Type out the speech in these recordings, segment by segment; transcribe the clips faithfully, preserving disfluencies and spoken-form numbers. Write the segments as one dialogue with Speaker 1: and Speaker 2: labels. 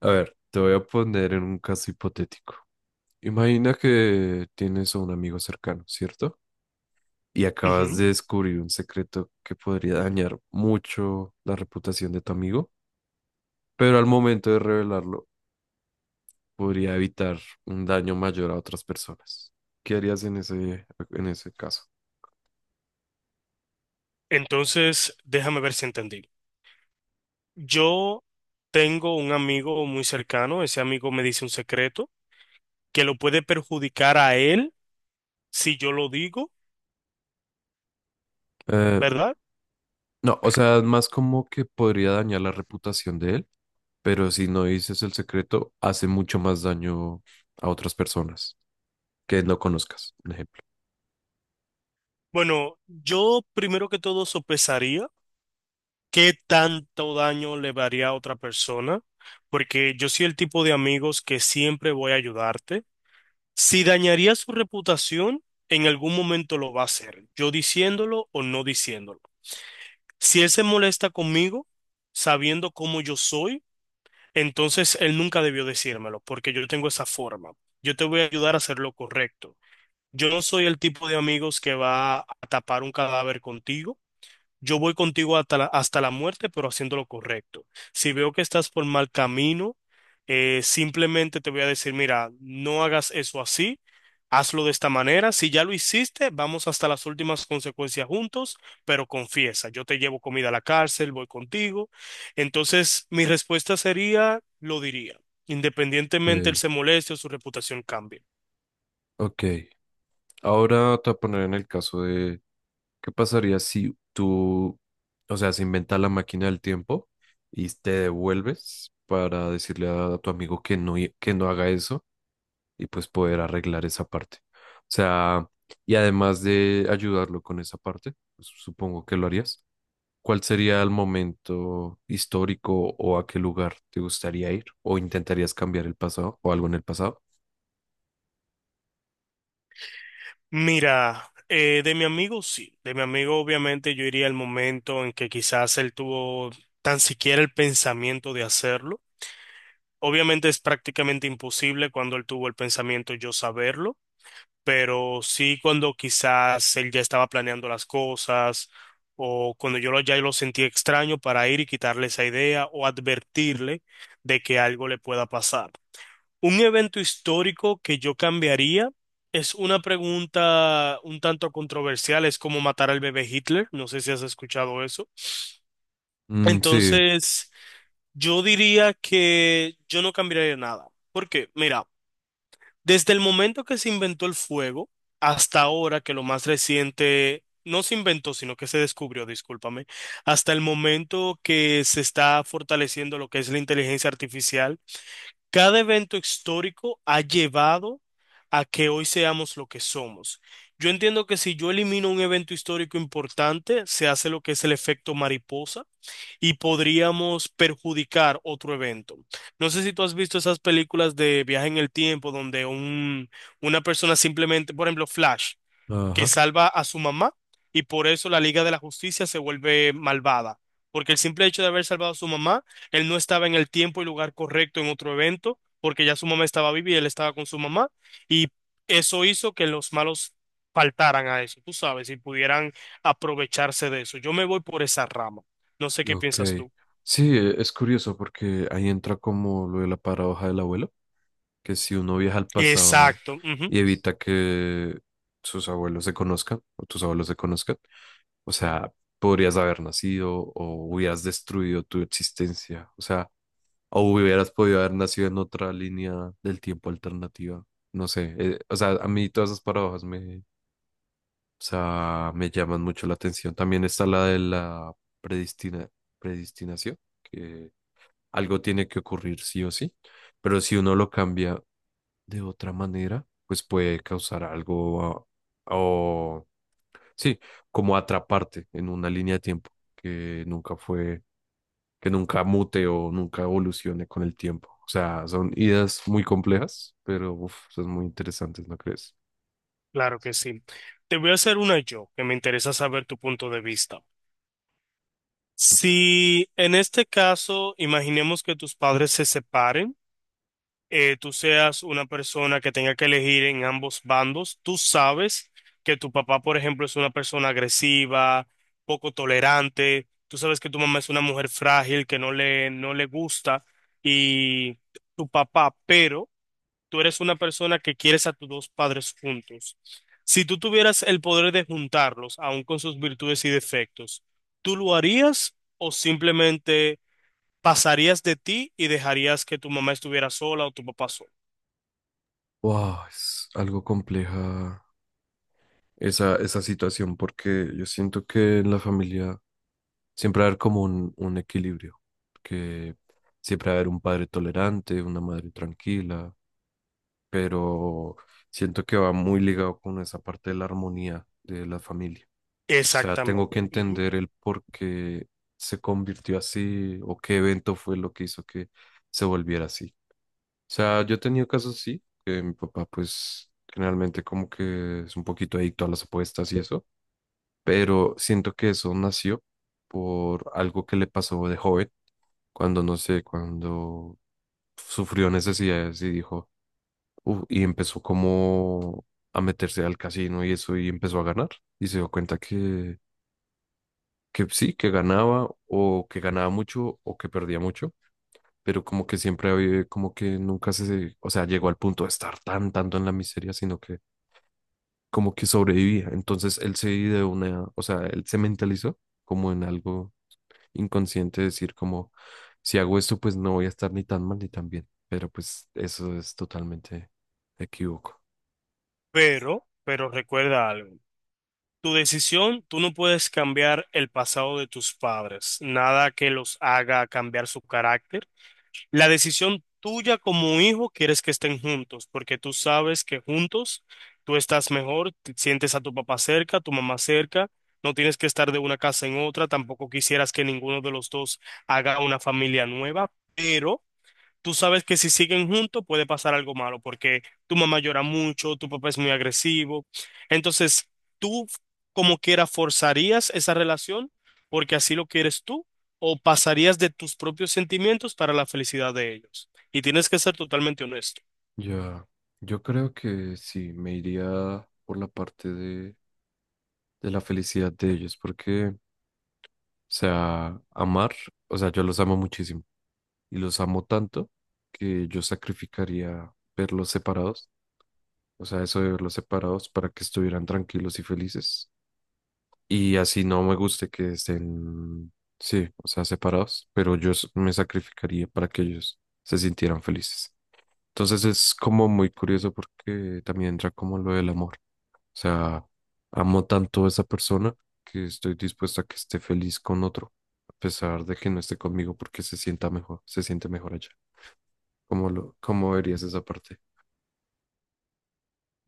Speaker 1: A ver, te voy a poner en un caso hipotético. Imagina que tienes a un amigo cercano, ¿cierto? Y acabas
Speaker 2: Ujú.
Speaker 1: de descubrir un secreto que podría dañar mucho la reputación de tu amigo, pero al momento de revelarlo podría evitar un daño mayor a otras personas. ¿Qué harías en ese, en ese caso?
Speaker 2: Entonces, déjame ver si entendí. Yo tengo un amigo muy cercano, ese amigo me dice un secreto que lo puede perjudicar a él si yo lo digo,
Speaker 1: Eh,
Speaker 2: ¿verdad?
Speaker 1: no, o sea, es más como que podría dañar la reputación de él, pero si no dices el secreto, hace mucho más daño a otras personas que no conozcas. Un ejemplo.
Speaker 2: Bueno, yo primero que todo sopesaría qué tanto daño le daría a otra persona, porque yo soy el tipo de amigos que siempre voy a ayudarte. Si dañaría su reputación, en algún momento lo va a hacer, yo diciéndolo o no diciéndolo. Si él se molesta conmigo, sabiendo cómo yo soy, entonces él nunca debió decírmelo, porque yo tengo esa forma. Yo te voy a ayudar a hacer lo correcto. Yo no soy el tipo de amigos que va a tapar un cadáver contigo. Yo voy contigo hasta la, hasta la muerte, pero haciendo lo correcto. Si veo que estás por mal camino, eh, simplemente te voy a decir, mira, no hagas eso así, hazlo de esta manera. Si ya lo hiciste, vamos hasta las últimas consecuencias juntos, pero confiesa, yo te llevo comida a la cárcel, voy contigo. Entonces, mi respuesta sería, lo diría, independientemente él
Speaker 1: Okay,
Speaker 2: se moleste o su reputación cambie.
Speaker 1: ok. Ahora te voy a poner en el caso de qué pasaría si tú, o sea, se inventa la máquina del tiempo y te devuelves para decirle a tu amigo que no, hi- que no haga eso y pues poder arreglar esa parte. O sea, y además de ayudarlo con esa parte, pues, supongo que lo harías. ¿Cuál sería el momento histórico o a qué lugar te gustaría ir? ¿O intentarías cambiar el pasado o algo en el pasado?
Speaker 2: Mira, eh, de mi amigo sí, de mi amigo obviamente yo iría al momento en que quizás él tuvo tan siquiera el pensamiento de hacerlo. Obviamente es prácticamente imposible cuando él tuvo el pensamiento yo saberlo, pero sí cuando quizás él ya estaba planeando las cosas o cuando yo lo, ya lo sentí extraño para ir y quitarle esa idea o advertirle de que algo le pueda pasar. Un evento histórico que yo cambiaría es una pregunta un tanto controversial, es cómo matar al bebé Hitler, no sé si has escuchado eso.
Speaker 1: Mm, sí,
Speaker 2: Entonces, yo diría que yo no cambiaría nada, porque mira, desde el momento que se inventó el fuego hasta ahora, que lo más reciente, no se inventó, sino que se descubrió, discúlpame, hasta el momento que se está fortaleciendo lo que es la inteligencia artificial. Cada evento histórico ha llevado a que hoy seamos lo que somos. Yo entiendo que si yo elimino un evento histórico importante, se hace lo que es el efecto mariposa y podríamos perjudicar otro evento. No sé si tú has visto esas películas de viaje en el tiempo donde un, una persona simplemente, por ejemplo, Flash, que
Speaker 1: ajá.
Speaker 2: salva a su mamá y por eso la Liga de la Justicia se vuelve malvada. Porque el simple hecho de haber salvado a su mamá, él no estaba en el tiempo y lugar correcto en otro evento, porque ya su mamá estaba viva y él estaba con su mamá, y eso hizo que los malos faltaran a eso, tú sabes, y pudieran aprovecharse de eso. Yo me voy por esa rama. No sé qué
Speaker 1: Ok.
Speaker 2: piensas tú.
Speaker 1: Sí, e- es curioso porque ahí entra como lo de la paradoja del abuelo, que si uno viaja al pasado
Speaker 2: Exacto. Ujú.
Speaker 1: y evita que sus abuelos se conozcan o tus abuelos se conozcan, o sea, podrías haber nacido o hubieras destruido tu existencia, o sea, o hubieras podido haber nacido en otra línea del tiempo alternativa. No sé, eh, o sea, a mí todas esas paradojas me, o sea, me llaman mucho la atención. También está la de la predestina, predestinación, que algo tiene que ocurrir sí o sí, pero si uno lo cambia de otra manera, pues puede causar algo ah, o sí, como atraparte en una línea de tiempo que nunca fue, que nunca mute o nunca evolucione con el tiempo. O sea, son ideas muy complejas, pero uf, son muy interesantes, ¿no crees?
Speaker 2: Claro que sí. Te voy a hacer una yo, que me interesa saber tu punto de vista. Si en este caso imaginemos que tus padres se separen, eh, tú seas una persona que tenga que elegir en ambos bandos, tú sabes que tu papá, por ejemplo, es una persona agresiva, poco tolerante, tú sabes que tu mamá es una mujer frágil que no le, no le gusta y tu papá, pero tú eres una persona que quieres a tus dos padres juntos. Si tú tuvieras el poder de juntarlos, aun con sus virtudes y defectos, ¿tú lo harías o simplemente pasarías de ti y dejarías que tu mamá estuviera sola o tu papá solo?
Speaker 1: Wow, es algo compleja esa, esa situación, porque yo siento que en la familia siempre va a haber como un, un equilibrio, que siempre va a haber un padre tolerante, una madre tranquila, pero siento que va muy ligado con esa parte de la armonía de la familia. O sea, tengo que
Speaker 2: Exactamente. Ujú.
Speaker 1: entender el por qué se convirtió así o qué evento fue lo que hizo que se volviera así. O sea, yo he tenido casos así, que mi papá pues generalmente como que es un poquito adicto a las apuestas y eso, pero siento que eso nació por algo que le pasó de joven, cuando no sé, cuando sufrió necesidades y dijo, "Uf", y empezó como a meterse al casino y eso y empezó a ganar y se dio cuenta que, que sí, que ganaba o que ganaba mucho o que perdía mucho, pero como que siempre había, como que nunca se, o sea, llegó al punto de estar tan, tanto en la miseria, sino que como que sobrevivía. Entonces él se ideó una, o sea, él se mentalizó como en algo inconsciente decir como, si hago esto, pues no voy a estar ni tan mal ni tan bien. Pero pues eso es totalmente equívoco.
Speaker 2: Pero, pero recuerda algo. Tu decisión, tú no puedes cambiar el pasado de tus padres, nada que los haga cambiar su carácter. La decisión tuya como hijo quieres que estén juntos, porque tú sabes que juntos tú estás mejor, te sientes a tu papá cerca, a tu mamá cerca, no tienes que estar de una casa en otra, tampoco quisieras que ninguno de los dos haga una familia nueva, tú sabes que si siguen juntos puede pasar algo malo, porque tu mamá llora mucho, tu papá es muy agresivo. Entonces, tú como quiera forzarías esa relación porque así lo quieres tú o pasarías de tus propios sentimientos para la felicidad de ellos. Y tienes que ser totalmente honesto.
Speaker 1: Ya, yo creo que sí, me iría por la parte de, de la felicidad de ellos, porque, o sea, amar, o sea, yo los amo muchísimo y los amo tanto que yo sacrificaría verlos separados, o sea, eso de verlos separados para que estuvieran tranquilos y felices. Y así no me guste que estén, sí, o sea, separados, pero yo s- me sacrificaría para que ellos se sintieran felices. Entonces es como muy curioso porque también entra como lo del amor. O sea, amo tanto a esa persona que estoy dispuesta a que esté feliz con otro, a pesar de que no esté conmigo porque se sienta mejor, se siente mejor allá. ¿Cómo lo, cómo verías esa parte?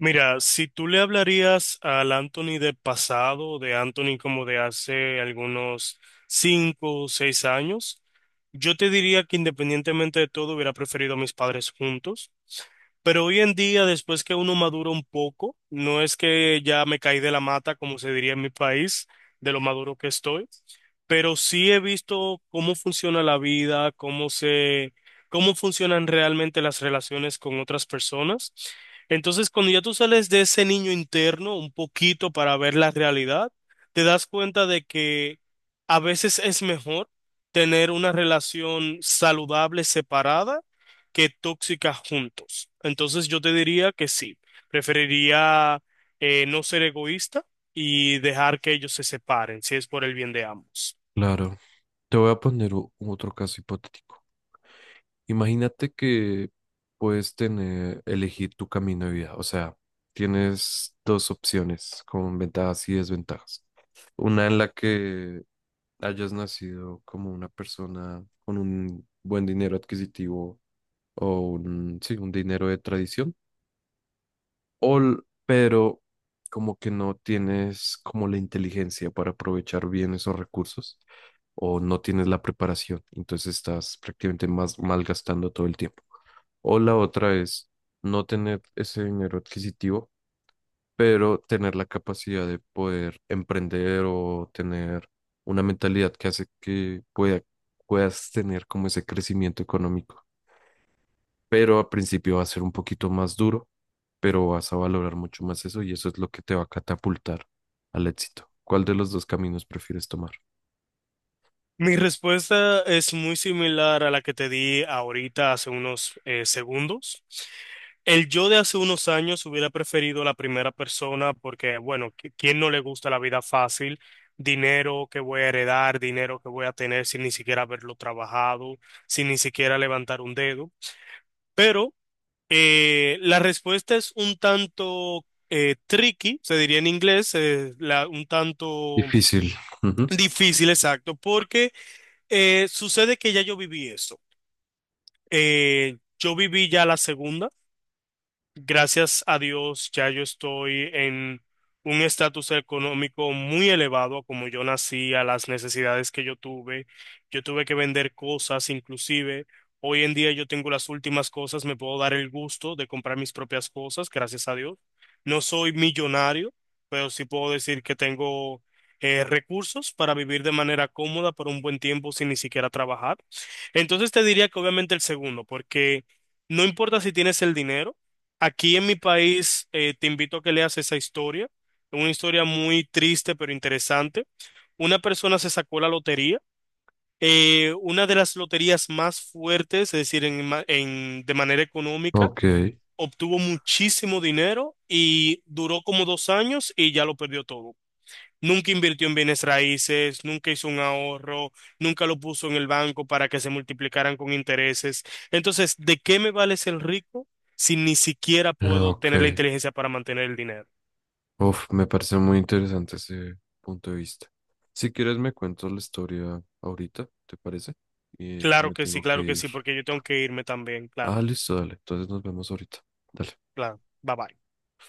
Speaker 2: Mira, si tú le hablarías al Anthony del pasado, de Anthony como de hace algunos cinco o seis años, yo te diría que independientemente de todo hubiera preferido a mis padres juntos, pero hoy en día, después que uno madura un poco, no es que ya me caí de la mata, como se diría en mi país, de lo maduro que estoy, pero sí he visto cómo funciona la vida, cómo se, cómo funcionan realmente las relaciones con otras personas. Entonces, cuando ya tú sales de ese niño interno un poquito para ver la realidad, te das cuenta de que a veces es mejor tener una relación saludable separada que tóxica juntos. Entonces yo te diría que sí, preferiría eh, no ser egoísta y dejar que ellos se separen, si es por el bien de ambos.
Speaker 1: Claro. Te voy a poner o- otro caso hipotético. Imagínate que puedes tener, elegir tu camino de vida. O sea, tienes dos opciones con ventajas y desventajas. Una en la que hayas nacido como una persona con un buen dinero adquisitivo o un, sí, un dinero de tradición all, pero como que no tienes como la inteligencia para aprovechar bien esos recursos o no tienes la preparación, entonces estás prácticamente más malgastando todo el tiempo. O la otra es no tener ese dinero adquisitivo, pero tener la capacidad de poder emprender o tener una mentalidad que hace que pueda, puedas tener como ese crecimiento económico, pero al principio va a ser un poquito más duro, pero vas a valorar mucho más eso y eso es lo que te va a catapultar al éxito. ¿Cuál de los dos caminos prefieres tomar?
Speaker 2: Mi respuesta es muy similar a la que te di ahorita hace unos eh, segundos. El yo de hace unos años hubiera preferido la primera persona porque, bueno, qui- ¿quién no le gusta la vida fácil? Dinero que voy a heredar, dinero que voy a tener sin ni siquiera haberlo trabajado, sin ni siquiera levantar un dedo. Pero eh, la respuesta es un tanto eh, tricky, se diría en inglés, eh, la- un tanto
Speaker 1: Difícil. Ujú.
Speaker 2: difícil, exacto, porque... Eh, sucede que ya yo viví eso. Eh, yo viví ya la segunda. Gracias a Dios, ya yo estoy en un estatus económico muy elevado, como yo nací, a las necesidades que yo tuve. Yo tuve que vender cosas, inclusive hoy en día yo tengo las últimas cosas, me puedo dar el gusto de comprar mis propias cosas, gracias a Dios. No soy millonario, pero sí puedo decir que tengo eh, recursos para vivir de manera cómoda por un buen tiempo sin ni siquiera trabajar. Entonces te diría que obviamente el segundo, porque no importa si tienes el dinero. Aquí en mi país eh, te invito a que leas esa historia, una historia muy triste pero interesante. Una persona se sacó la lotería, eh, una de las loterías más fuertes, es decir, en ma- en- de manera económica,
Speaker 1: Ok,
Speaker 2: obtuvo muchísimo dinero y duró como dos años y ya lo perdió todo. Nunca invirtió en bienes raíces, nunca hizo un ahorro, nunca lo puso en el banco para que se multiplicaran con intereses. Entonces, ¿de qué me vale ser rico si ni siquiera puedo
Speaker 1: ok.
Speaker 2: tener la inteligencia para mantener el dinero?
Speaker 1: Uf, me parece muy interesante ese punto de vista. Si quieres me cuentas la historia ahorita, ¿te parece? Y que
Speaker 2: Claro
Speaker 1: me
Speaker 2: que sí,
Speaker 1: tengo que
Speaker 2: claro que
Speaker 1: ir.
Speaker 2: sí, porque yo tengo que irme también,
Speaker 1: Ah,
Speaker 2: claro,
Speaker 1: listo, dale. Entonces nos vemos ahorita. Dale.
Speaker 2: claro. Bye bye.